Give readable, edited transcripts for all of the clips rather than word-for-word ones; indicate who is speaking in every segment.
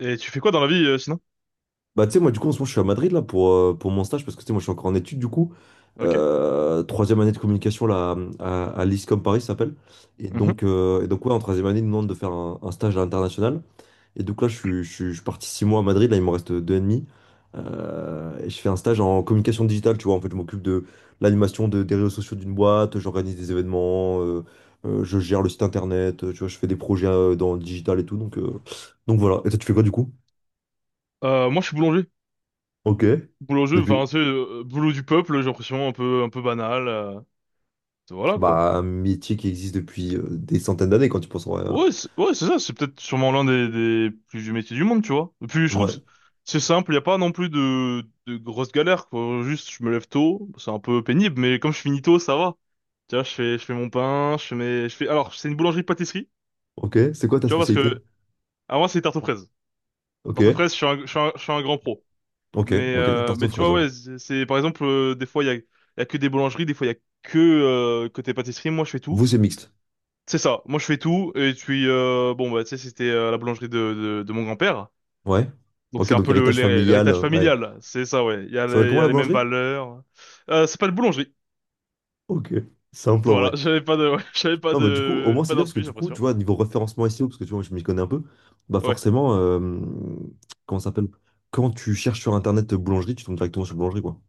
Speaker 1: Et tu fais quoi dans la vie, sinon?
Speaker 2: Bah, tu sais, moi, du coup, en ce moment, je suis à Madrid, là, pour mon stage, parce que, tu sais, moi, je suis encore en études, du coup.
Speaker 1: Ok.
Speaker 2: Troisième année de communication, là, à l'ISCOM Paris, ça s'appelle. Et
Speaker 1: Mhm.
Speaker 2: donc, ouais, en troisième année, ils nous demandent de faire un stage à l'international. Et donc, là, je suis parti 6 mois à Madrid, là, il me reste 2 et demi. Et je fais un stage en communication digitale, tu vois. En fait, je m'occupe de l'animation des réseaux sociaux d'une boîte, j'organise des événements, je gère le site internet, tu vois, je fais des projets dans le digital et tout. Donc voilà. Et toi, tu fais quoi, du coup?
Speaker 1: Moi, je suis boulanger.
Speaker 2: Ok.
Speaker 1: Boulanger,
Speaker 2: Depuis.
Speaker 1: enfin, c'est boulot du peuple, j'ai l'impression, un peu banal. Voilà, quoi.
Speaker 2: Bah, un métier qui existe depuis des centaines d'années quand tu penses en vrai, hein.
Speaker 1: Ouais, c'est ça, c'est peut-être sûrement l'un des plus vieux métiers du monde, tu vois. Et puis, je trouve que
Speaker 2: Ouais.
Speaker 1: c'est simple, il n'y a pas non plus de grosses galères, quoi. Juste, je me lève tôt, c'est un peu pénible, mais comme je finis tôt, ça va. Tu vois, je fais mon pain, je fais mes, je fais, alors, c'est une boulangerie-pâtisserie,
Speaker 2: Ok, c'est quoi ta
Speaker 1: tu vois, parce
Speaker 2: spécialité?
Speaker 1: que, à moi, c'est tarte aux fraises. Tarte aux
Speaker 2: Ok.
Speaker 1: fraises, je suis un, je suis un, je suis un grand pro.
Speaker 2: Ok.
Speaker 1: Mais,
Speaker 2: Ok.
Speaker 1: euh,
Speaker 2: Tarte aux
Speaker 1: mais tu
Speaker 2: fraises,
Speaker 1: vois,
Speaker 2: ouais.
Speaker 1: ouais, par exemple, des fois, il y a que des boulangeries, des fois, il y a que côté pâtisserie. Moi, je fais tout.
Speaker 2: Vous, c'est mixte.
Speaker 1: C'est ça, moi, je fais tout. Et puis, bon, bah, tu sais, c'était la boulangerie de mon grand-père.
Speaker 2: Ouais.
Speaker 1: Donc,
Speaker 2: Ok,
Speaker 1: c'est un
Speaker 2: donc
Speaker 1: peu le,
Speaker 2: héritage
Speaker 1: l'hé-
Speaker 2: familial,
Speaker 1: l'héritage
Speaker 2: ouais.
Speaker 1: familial. C'est ça, ouais. Il y a
Speaker 2: Ça va être
Speaker 1: les, il y
Speaker 2: comment
Speaker 1: a
Speaker 2: la
Speaker 1: les mêmes
Speaker 2: boulangerie?
Speaker 1: valeurs. C'est pas de boulangerie.
Speaker 2: Ok. Simple en
Speaker 1: Voilà,
Speaker 2: vrai.
Speaker 1: j'avais pas de, ouais, j'avais pas
Speaker 2: Non, bah du coup, au
Speaker 1: de,
Speaker 2: moins c'est
Speaker 1: pas
Speaker 2: bien parce que
Speaker 1: d'inspi, j'ai
Speaker 2: du coup, tu
Speaker 1: l'impression.
Speaker 2: vois, niveau référencement SEO, parce que tu vois, je m'y connais un peu, bah
Speaker 1: Ouais.
Speaker 2: forcément, comment ça s'appelle? Quand tu cherches sur internet boulangerie, tu tombes directement sur boulangerie, quoi.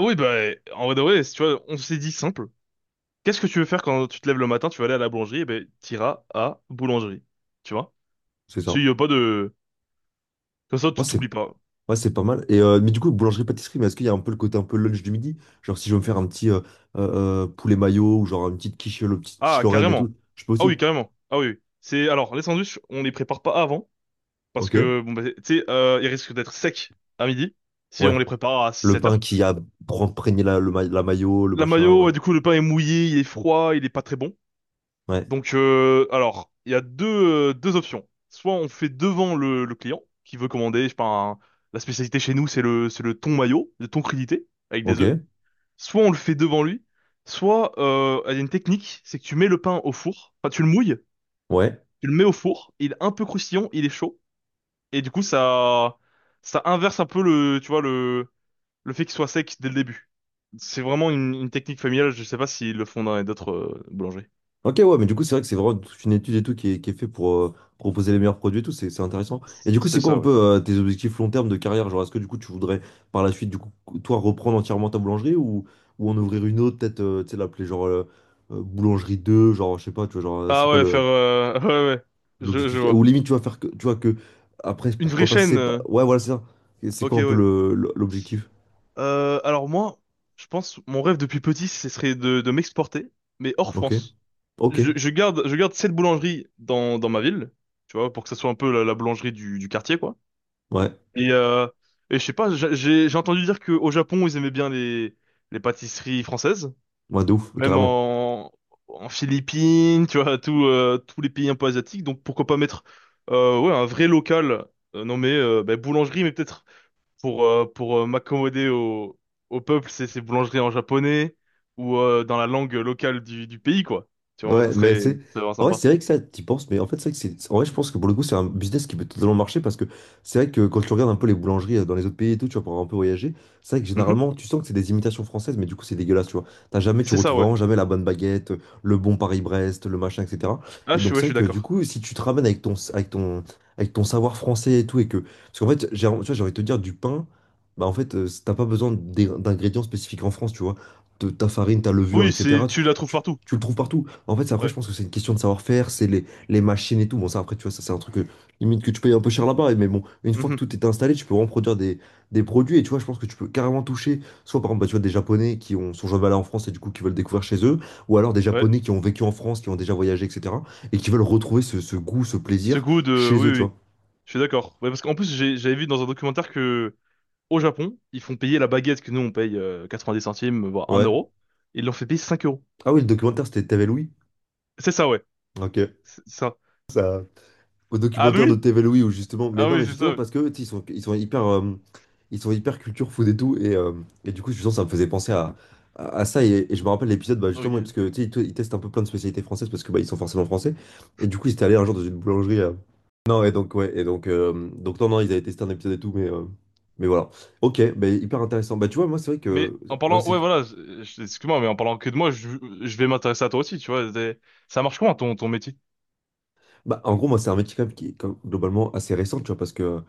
Speaker 1: Oui, bah, en vrai de vrai, si tu vois, on s'est dit simple. Qu'est-ce que tu veux faire quand tu te lèves le matin, tu vas aller à la boulangerie, et ben, t'iras à boulangerie. Tu vois?
Speaker 2: C'est
Speaker 1: S'il
Speaker 2: ça.
Speaker 1: y a pas de, Comme ça,
Speaker 2: Moi,
Speaker 1: tu
Speaker 2: c'est
Speaker 1: t'oublies pas.
Speaker 2: ouais, c'est pas mal. Et, mais du coup, boulangerie-pâtisserie, mais est-ce qu'il y a un peu le côté un peu lunch du midi? Genre, si je veux me faire un petit poulet mayo ou genre une petite quiche, le petite quiche
Speaker 1: Ah,
Speaker 2: Lorraine et
Speaker 1: carrément.
Speaker 2: tout, je peux
Speaker 1: Ah oui,
Speaker 2: aussi.
Speaker 1: carrément. Ah oui. Oui. C'est alors les sandwichs, on les prépare pas avant parce
Speaker 2: Ok.
Speaker 1: que bon bah, tu sais, ils risquent d'être secs à midi si on
Speaker 2: Ouais.
Speaker 1: les prépare à six
Speaker 2: Le
Speaker 1: sept
Speaker 2: pain
Speaker 1: heures.
Speaker 2: qui a imprégné la mayo, le
Speaker 1: La
Speaker 2: machin,
Speaker 1: mayo,
Speaker 2: ouais.
Speaker 1: ouais, du coup, le pain est mouillé, il est froid, il est pas très bon.
Speaker 2: Ouais.
Speaker 1: Alors, il y a deux options. Soit on fait devant le client qui veut commander, je sais pas, un- la spécialité chez nous, c'est le thon mayo, le thon crudité avec des œufs.
Speaker 2: Ok.
Speaker 1: Soit on le fait devant lui, soit il y a une technique, c'est que tu mets le pain au four, enfin tu le mouilles
Speaker 2: Ouais.
Speaker 1: tu le mets au four, il est un peu croustillant, il est chaud, et du coup ça inverse un peu le tu vois, le fait qu'il soit sec dès le début. C'est vraiment une technique familiale, je sais pas s'ils le font dans les d'autres boulangeries.
Speaker 2: Ok, ouais, mais du coup, c'est vrai que c'est vraiment toute une étude et tout qui est fait pour proposer les meilleurs produits et tout, c'est intéressant. Et du coup, c'est
Speaker 1: C'est
Speaker 2: quoi un
Speaker 1: ça, ouais.
Speaker 2: peu tes objectifs long terme de carrière? Genre, est-ce que du coup, tu voudrais par la suite, du coup, toi, reprendre entièrement ta boulangerie ou en ouvrir une autre, peut-être, tu sais, l'appeler genre boulangerie 2 genre, je sais pas, tu vois, genre, c'est
Speaker 1: Ah
Speaker 2: quoi
Speaker 1: ouais, faire
Speaker 2: le
Speaker 1: ouais ouais, je
Speaker 2: l'objectif? Ou
Speaker 1: vois.
Speaker 2: limite, tu vas faire que, tu vois, que après,
Speaker 1: Une vraie
Speaker 2: pourquoi pas,
Speaker 1: chaîne.
Speaker 2: c'est pas... Ouais, voilà, c'est ça. Et c'est
Speaker 1: Ok
Speaker 2: quoi un peu
Speaker 1: ouais.
Speaker 2: l'objectif?
Speaker 1: Alors moi, je pense mon rêve depuis petit, ce serait de m'exporter, mais hors
Speaker 2: Ok,
Speaker 1: France.
Speaker 2: ok,
Speaker 1: Je garde cette boulangerie dans ma ville, tu vois, pour que ça soit un peu la boulangerie du quartier quoi.
Speaker 2: ouais,
Speaker 1: Et, euh, et je sais pas, j'ai entendu dire qu'au Japon, ils aimaient bien les pâtisseries françaises,
Speaker 2: ouais, de ouf,
Speaker 1: même
Speaker 2: carrément.
Speaker 1: en Philippines, tu vois, tous les pays un peu asiatiques. Donc pourquoi pas mettre ouais, un vrai local nommé bah, boulangerie, mais peut-être pour m'accommoder au peuple, c'est boulangerie en japonais ou dans la langue locale du pays, quoi. Tu vois, moi, ça
Speaker 2: Ouais, mais
Speaker 1: serait,
Speaker 2: c'est.
Speaker 1: ça serait vraiment
Speaker 2: En vrai,
Speaker 1: sympa.
Speaker 2: c'est vrai que ça, t'y penses, mais en fait, c'est vrai que c'est. En vrai, je pense que pour le coup, c'est un business qui peut totalement marcher parce que c'est vrai que quand tu regardes un peu les boulangeries dans les autres pays et tout, tu vois, pour un peu voyager, c'est vrai que
Speaker 1: Mhm.
Speaker 2: généralement, tu sens que c'est des imitations françaises, mais du coup, c'est dégueulasse, tu vois. T'as jamais, tu
Speaker 1: C'est ça,
Speaker 2: retrouves
Speaker 1: ouais.
Speaker 2: vraiment jamais la bonne baguette, le bon Paris-Brest, le machin, etc.
Speaker 1: Ah,
Speaker 2: Et donc,
Speaker 1: ouais,
Speaker 2: c'est
Speaker 1: je
Speaker 2: vrai
Speaker 1: suis
Speaker 2: que du
Speaker 1: d'accord.
Speaker 2: coup, si tu te ramènes avec ton savoir français et tout, et que. Parce qu'en fait, tu vois, j'ai envie de te dire, du pain, bah, en fait, t'as pas besoin d'ingrédients spécifiques en France, tu vois. De- Ta farine, ta levure,
Speaker 1: Oui, c'est,
Speaker 2: etc.
Speaker 1: tu la trouves partout.
Speaker 2: Tu le trouves partout. En fait, c'est après,
Speaker 1: Ouais.
Speaker 2: je pense que c'est une question de savoir-faire, c'est les machines et tout. Bon, ça, après, tu vois, ça, c'est un truc que, limite que tu payes un peu cher là-bas. Mais bon, une fois que
Speaker 1: Mhm.
Speaker 2: tout est installé, tu peux vraiment produire des produits. Et tu vois, je pense que tu peux carrément toucher, soit par exemple, bah, tu vois, des Japonais sont jamais allés en France et du coup, qui veulent découvrir chez eux, ou alors des
Speaker 1: Ouais.
Speaker 2: Japonais qui ont vécu en France, qui ont déjà voyagé, etc. et qui veulent retrouver ce goût, ce plaisir chez
Speaker 1: Oui,
Speaker 2: eux, tu
Speaker 1: oui,
Speaker 2: vois.
Speaker 1: oui. Je suis d'accord. Ouais, parce qu'en plus, j'avais vu dans un documentaire que au Japon, ils font payer la baguette que nous, on paye 90 centimes, voire un
Speaker 2: Ouais.
Speaker 1: euro. Ils l'ont fait payer 5 euros.
Speaker 2: Ah oui, le documentaire, c'était T'avais Louis.
Speaker 1: C'est ça, ouais.
Speaker 2: Ok.
Speaker 1: C'est ça.
Speaker 2: Ça, au documentaire
Speaker 1: Ah,
Speaker 2: de TV
Speaker 1: Louis?
Speaker 2: Louis où justement mais non mais
Speaker 1: Ah oui,
Speaker 2: justement
Speaker 1: c'est
Speaker 2: parce
Speaker 1: ça. Ouais.
Speaker 2: que tu sais, ils sont hyper culture food et tout et du coup justement ça me faisait penser à, à ça et je me rappelle l'épisode bah, justement parce que
Speaker 1: Ok.
Speaker 2: tu sais ils, ils testent un peu plein de spécialités françaises parce que bah, ils sont forcément français et du coup ils étaient allés un jour dans une boulangerie non et donc ouais et donc non ils avaient testé un épisode et tout mais voilà ok bah, hyper intéressant bah tu vois moi c'est vrai que ouais, c'est.
Speaker 1: Ouais, voilà. Excuse-moi, mais en parlant que de moi, je vais m'intéresser à toi aussi, tu vois. Ça marche comment, ton métier?
Speaker 2: Bah, en gros, moi, c'est un métier quand même qui est globalement assez récent, tu vois, parce que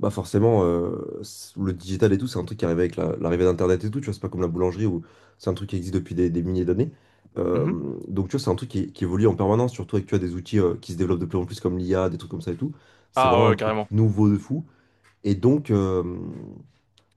Speaker 2: bah, forcément, le digital et tout, c'est un truc qui arrive avec l'arrivée d'Internet et tout, tu vois, c'est pas comme la boulangerie où c'est un truc qui existe depuis des milliers d'années. Euh,
Speaker 1: Mhm.
Speaker 2: donc, tu vois, c'est un truc qui évolue en permanence, surtout avec, tu vois, des outils qui se développent de plus en plus comme l'IA, des trucs comme ça et tout. C'est
Speaker 1: Ah
Speaker 2: vraiment un
Speaker 1: ouais,
Speaker 2: truc
Speaker 1: carrément.
Speaker 2: nouveau de fou. Et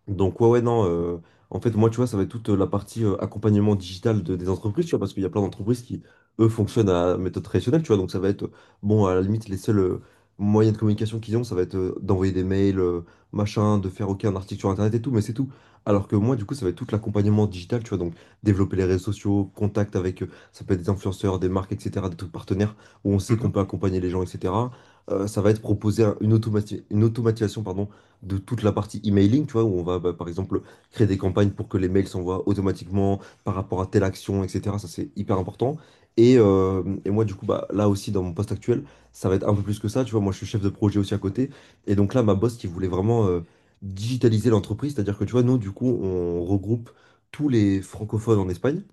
Speaker 2: donc, ouais, ouais, non. En fait, moi, tu vois, ça va être toute la partie accompagnement digital des entreprises, tu vois, parce qu'il y a plein d'entreprises qui, eux, fonctionnent à méthode traditionnelle, tu vois. Donc, ça va être, bon, à la limite, les seuls moyens de communication qu'ils ont, ça va être d'envoyer des mails, machin, de faire, OK, un article sur Internet et tout, mais c'est tout. Alors que moi, du coup, ça va être tout l'accompagnement digital, tu vois. Donc, développer les réseaux sociaux, contact avec, ça peut être des influenceurs, des marques, etc., des trucs partenaires, où on sait qu'on
Speaker 1: Mhm.
Speaker 2: peut accompagner les gens, etc. Ça va être proposer une une automatisation, pardon, de toute la partie emailing, tu vois, où on va, bah, par exemple, créer des campagnes pour que les mails s'envoient automatiquement par rapport à telle action, etc. Ça, c'est hyper important. Et moi, du coup, bah, là aussi, dans mon poste actuel, ça va être un peu plus que ça. Tu vois, moi, je suis chef de projet aussi à côté. Et donc là, ma boss qui voulait vraiment digitaliser l'entreprise, c'est-à-dire que, tu vois, nous, du coup, on regroupe tous les francophones en Espagne.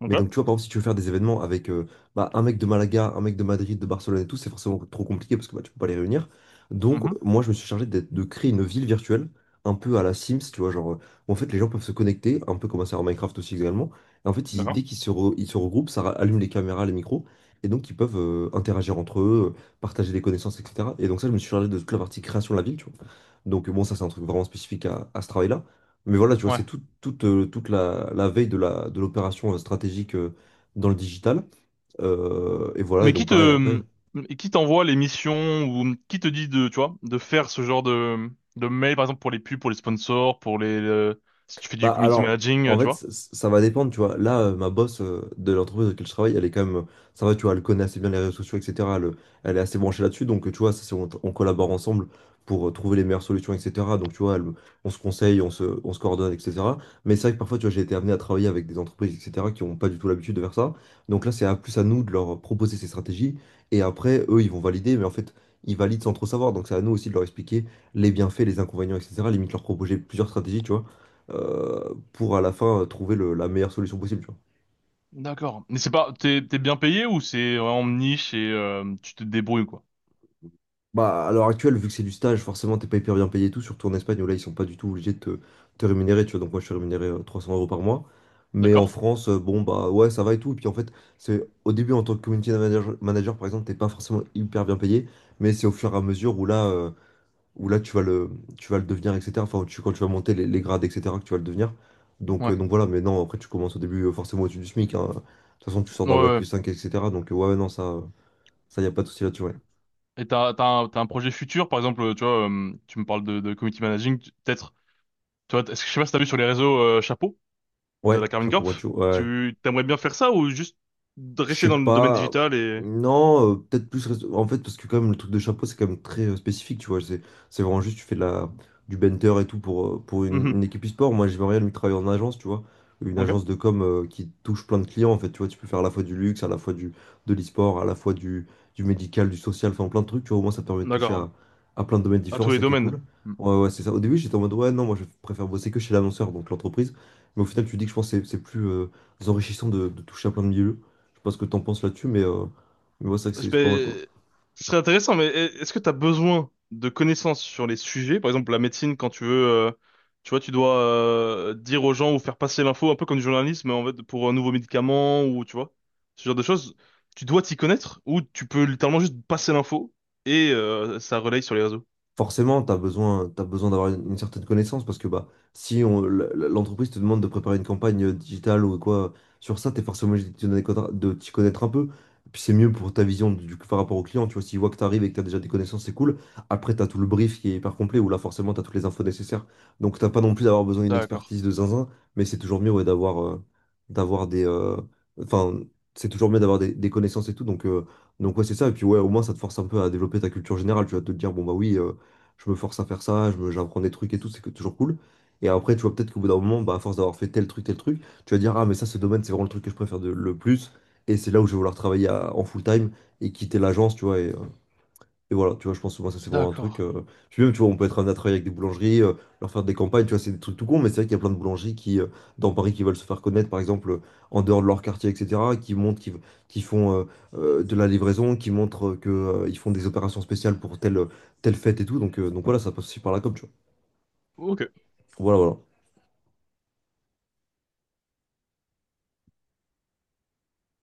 Speaker 1: Donc
Speaker 2: Mais
Speaker 1: là.
Speaker 2: donc, tu vois, par exemple, si tu veux faire des événements avec bah, un mec de Malaga, un mec de Madrid, de Barcelone et tout, c'est forcément trop compliqué parce que bah, tu peux pas les réunir. Donc,
Speaker 1: Mhm.
Speaker 2: moi, je me suis chargé de créer une ville virtuelle, un peu à la Sims, tu vois, genre, où en fait, les gens peuvent se connecter, un peu comme un serveur Minecraft aussi également. Et en fait, dès
Speaker 1: D'accord.
Speaker 2: qu'ils ils se regroupent, allume les caméras, les micros, et donc ils peuvent interagir entre eux, partager des connaissances, etc. Et donc, ça, je me suis chargé de toute la partie création de la ville, tu vois. Donc, bon, ça, c'est un truc vraiment spécifique à ce travail-là. Mais voilà, tu vois, c'est toute, toute la, la veille de la, de l'opération stratégique dans le digital. Et voilà, et
Speaker 1: Mais
Speaker 2: donc pareil, après.
Speaker 1: qui t'envoie les missions ou qui te dit de, tu vois, de faire ce genre de mail, par exemple, pour les pubs, pour les sponsors, si tu fais du
Speaker 2: Bah
Speaker 1: community
Speaker 2: alors,
Speaker 1: managing,
Speaker 2: en
Speaker 1: tu
Speaker 2: fait,
Speaker 1: vois?
Speaker 2: ça va dépendre, tu vois. Là, ma boss de l'entreprise dans laquelle je travaille, elle est quand même, ça va, tu vois, elle connaît assez bien les réseaux sociaux, etc. Elle, elle est assez branchée là-dessus, donc tu vois, ça, c'est- on collabore ensemble pour trouver les meilleures solutions, etc. Donc tu vois, on se conseille, on se coordonne, etc. Mais c'est vrai que parfois, tu vois, j'ai été amené à travailler avec des entreprises, etc. qui n'ont pas du tout l'habitude de faire ça. Donc là, c'est à plus à nous de leur proposer ces stratégies, et après, eux, ils vont valider, mais en fait, ils valident sans trop savoir. Donc c'est à nous aussi de leur expliquer les bienfaits, les inconvénients, etc. Limite leur proposer plusieurs stratégies, tu vois pour à la fin trouver la meilleure solution possible, tu vois.
Speaker 1: D'accord. Mais c'est pas, t'es, t'es bien payé ou c'est vraiment niche et tu te débrouilles, quoi?
Speaker 2: Bah, à l'heure actuelle, vu que c'est du stage, forcément, t'es pas hyper bien payé et tout, surtout en Espagne où là, ils sont pas du tout obligés de te, te rémunérer, tu vois. Donc, moi, je suis rémunéré 300 euros par mois. Mais en
Speaker 1: D'accord?
Speaker 2: France, bon, bah ouais, ça va et tout. Et puis, en fait, c'est au début, en tant que community manager, manager, par exemple, t'es pas forcément hyper bien payé, mais c'est au fur et à mesure où là, où là tu vas le, tu vas le devenir, etc. Enfin, quand tu vas monter les grades, etc., que tu vas le devenir.
Speaker 1: Ouais.
Speaker 2: Donc voilà, mais non, après tu commences au début forcément au-dessus du SMIC, hein. De toute façon, tu sors
Speaker 1: Ouais,
Speaker 2: d'un Black
Speaker 1: ouais.
Speaker 2: plus 5, etc. Donc ouais, ouais, non, ça y a pas de souci là-dessus, ouais.
Speaker 1: Et t'as un projet futur, par exemple, tu vois, tu me parles de community managing, peut-être, tu vois, est-ce que je sais pas si t'as vu sur les réseaux Chapeau de
Speaker 2: Ouais,
Speaker 1: la Carmine
Speaker 2: chapeau,
Speaker 1: Corp,
Speaker 2: macho, ouais, ouais.
Speaker 1: t'aimerais bien faire ça ou juste
Speaker 2: Je
Speaker 1: rester
Speaker 2: sais
Speaker 1: dans le domaine
Speaker 2: pas.
Speaker 1: digital et,
Speaker 2: Non, peut-être plus. En fait, parce que quand même, le truc de chapeau, c'est quand même très spécifique, tu vois. C'est vraiment juste, tu fais du benter et tout pour
Speaker 1: Mhm.
Speaker 2: une équipe e-sport. Moi, j'aimerais bien lui travailler en agence, tu vois. Une agence
Speaker 1: Ok.
Speaker 2: de com qui touche plein de clients, en fait. Tu vois, tu peux faire à la fois du luxe, à la fois de l'e-sport, à la fois du médical, du social, enfin plein de trucs, tu vois. Au moins, ça te permet de toucher
Speaker 1: D'accord. Ouais.
Speaker 2: à plein de domaines
Speaker 1: À
Speaker 2: différents,
Speaker 1: tous les
Speaker 2: ça qui est
Speaker 1: domaines.
Speaker 2: cool.
Speaker 1: Hmm.
Speaker 2: Ouais, ouais, c'est ça. Au début, j'étais en mode, ouais, non, moi, je préfère bosser que chez l'annonceur, donc l'entreprise. Mais au final, tu te dis que je pense que c'est plus enrichissant de toucher à plein de milieux. Je sais pas ce que t'en penses là-dessus, mais ouais, c'est vrai que
Speaker 1: Parce
Speaker 2: c'est pas mal, quoi.
Speaker 1: Ce serait intéressant, mais est-ce que tu as besoin de connaissances sur les sujets? Par exemple, la médecine, quand tu veux, tu vois, tu dois dire aux gens ou faire passer l'info, un peu comme du journalisme, en fait, pour un nouveau médicament ou, tu vois, ce genre de choses. Tu dois t'y connaître ou tu peux littéralement juste passer l'info et ça relaye sur les réseaux.
Speaker 2: Forcément, t'as besoin d'avoir une certaine connaissance parce que bah, si on- l- l- l'entreprise te demande de préparer une campagne digitale ou quoi sur ça, tu es forcément obligé de t'y connaître un peu. Puis c'est mieux pour ta vision par rapport au client. Tu vois, s'il voit que tu arrives et que tu as déjà des connaissances, c'est cool. Après, tu as tout le brief qui est hyper complet où là, forcément, tu as toutes les infos nécessaires. Donc, t'as pas non plus d'avoir besoin d'une
Speaker 1: D'accord.
Speaker 2: expertise de zinzin, mais c'est toujours mieux ouais, d'avoir des. euh, Enfin, c'est toujours mieux d'avoir des connaissances et tout. Donc ouais, c'est ça. Et puis, ouais, au moins, ça te force un peu à développer ta culture générale. Tu vas te dire, bon, bah oui, je me force à faire ça, j'apprends des trucs et tout, toujours cool. Et après, tu vois, peut-être qu'au bout d'un moment, bah, à force d'avoir fait tel truc, tu vas dire, ah, mais ça, ce domaine, c'est vraiment le truc que je préfère le plus. Et c'est là où je vais vouloir travailler en full time et quitter l'agence, tu vois. Et voilà, tu vois, je pense que moi, ça, c'est vraiment un truc.
Speaker 1: D'accord.
Speaker 2: euh, Puis même, tu vois, on peut être amené à travailler avec des boulangeries, leur faire des campagnes, tu vois, c'est des trucs tout con, mais c'est vrai qu'il y a plein de boulangeries qui, dans Paris, qui veulent se faire connaître, par exemple, en dehors de leur quartier, etc., qui font de la livraison, ils font des opérations spéciales pour telle fête et tout. Donc voilà, ça passe aussi par la com, tu vois.
Speaker 1: Ok.
Speaker 2: Voilà, voilà.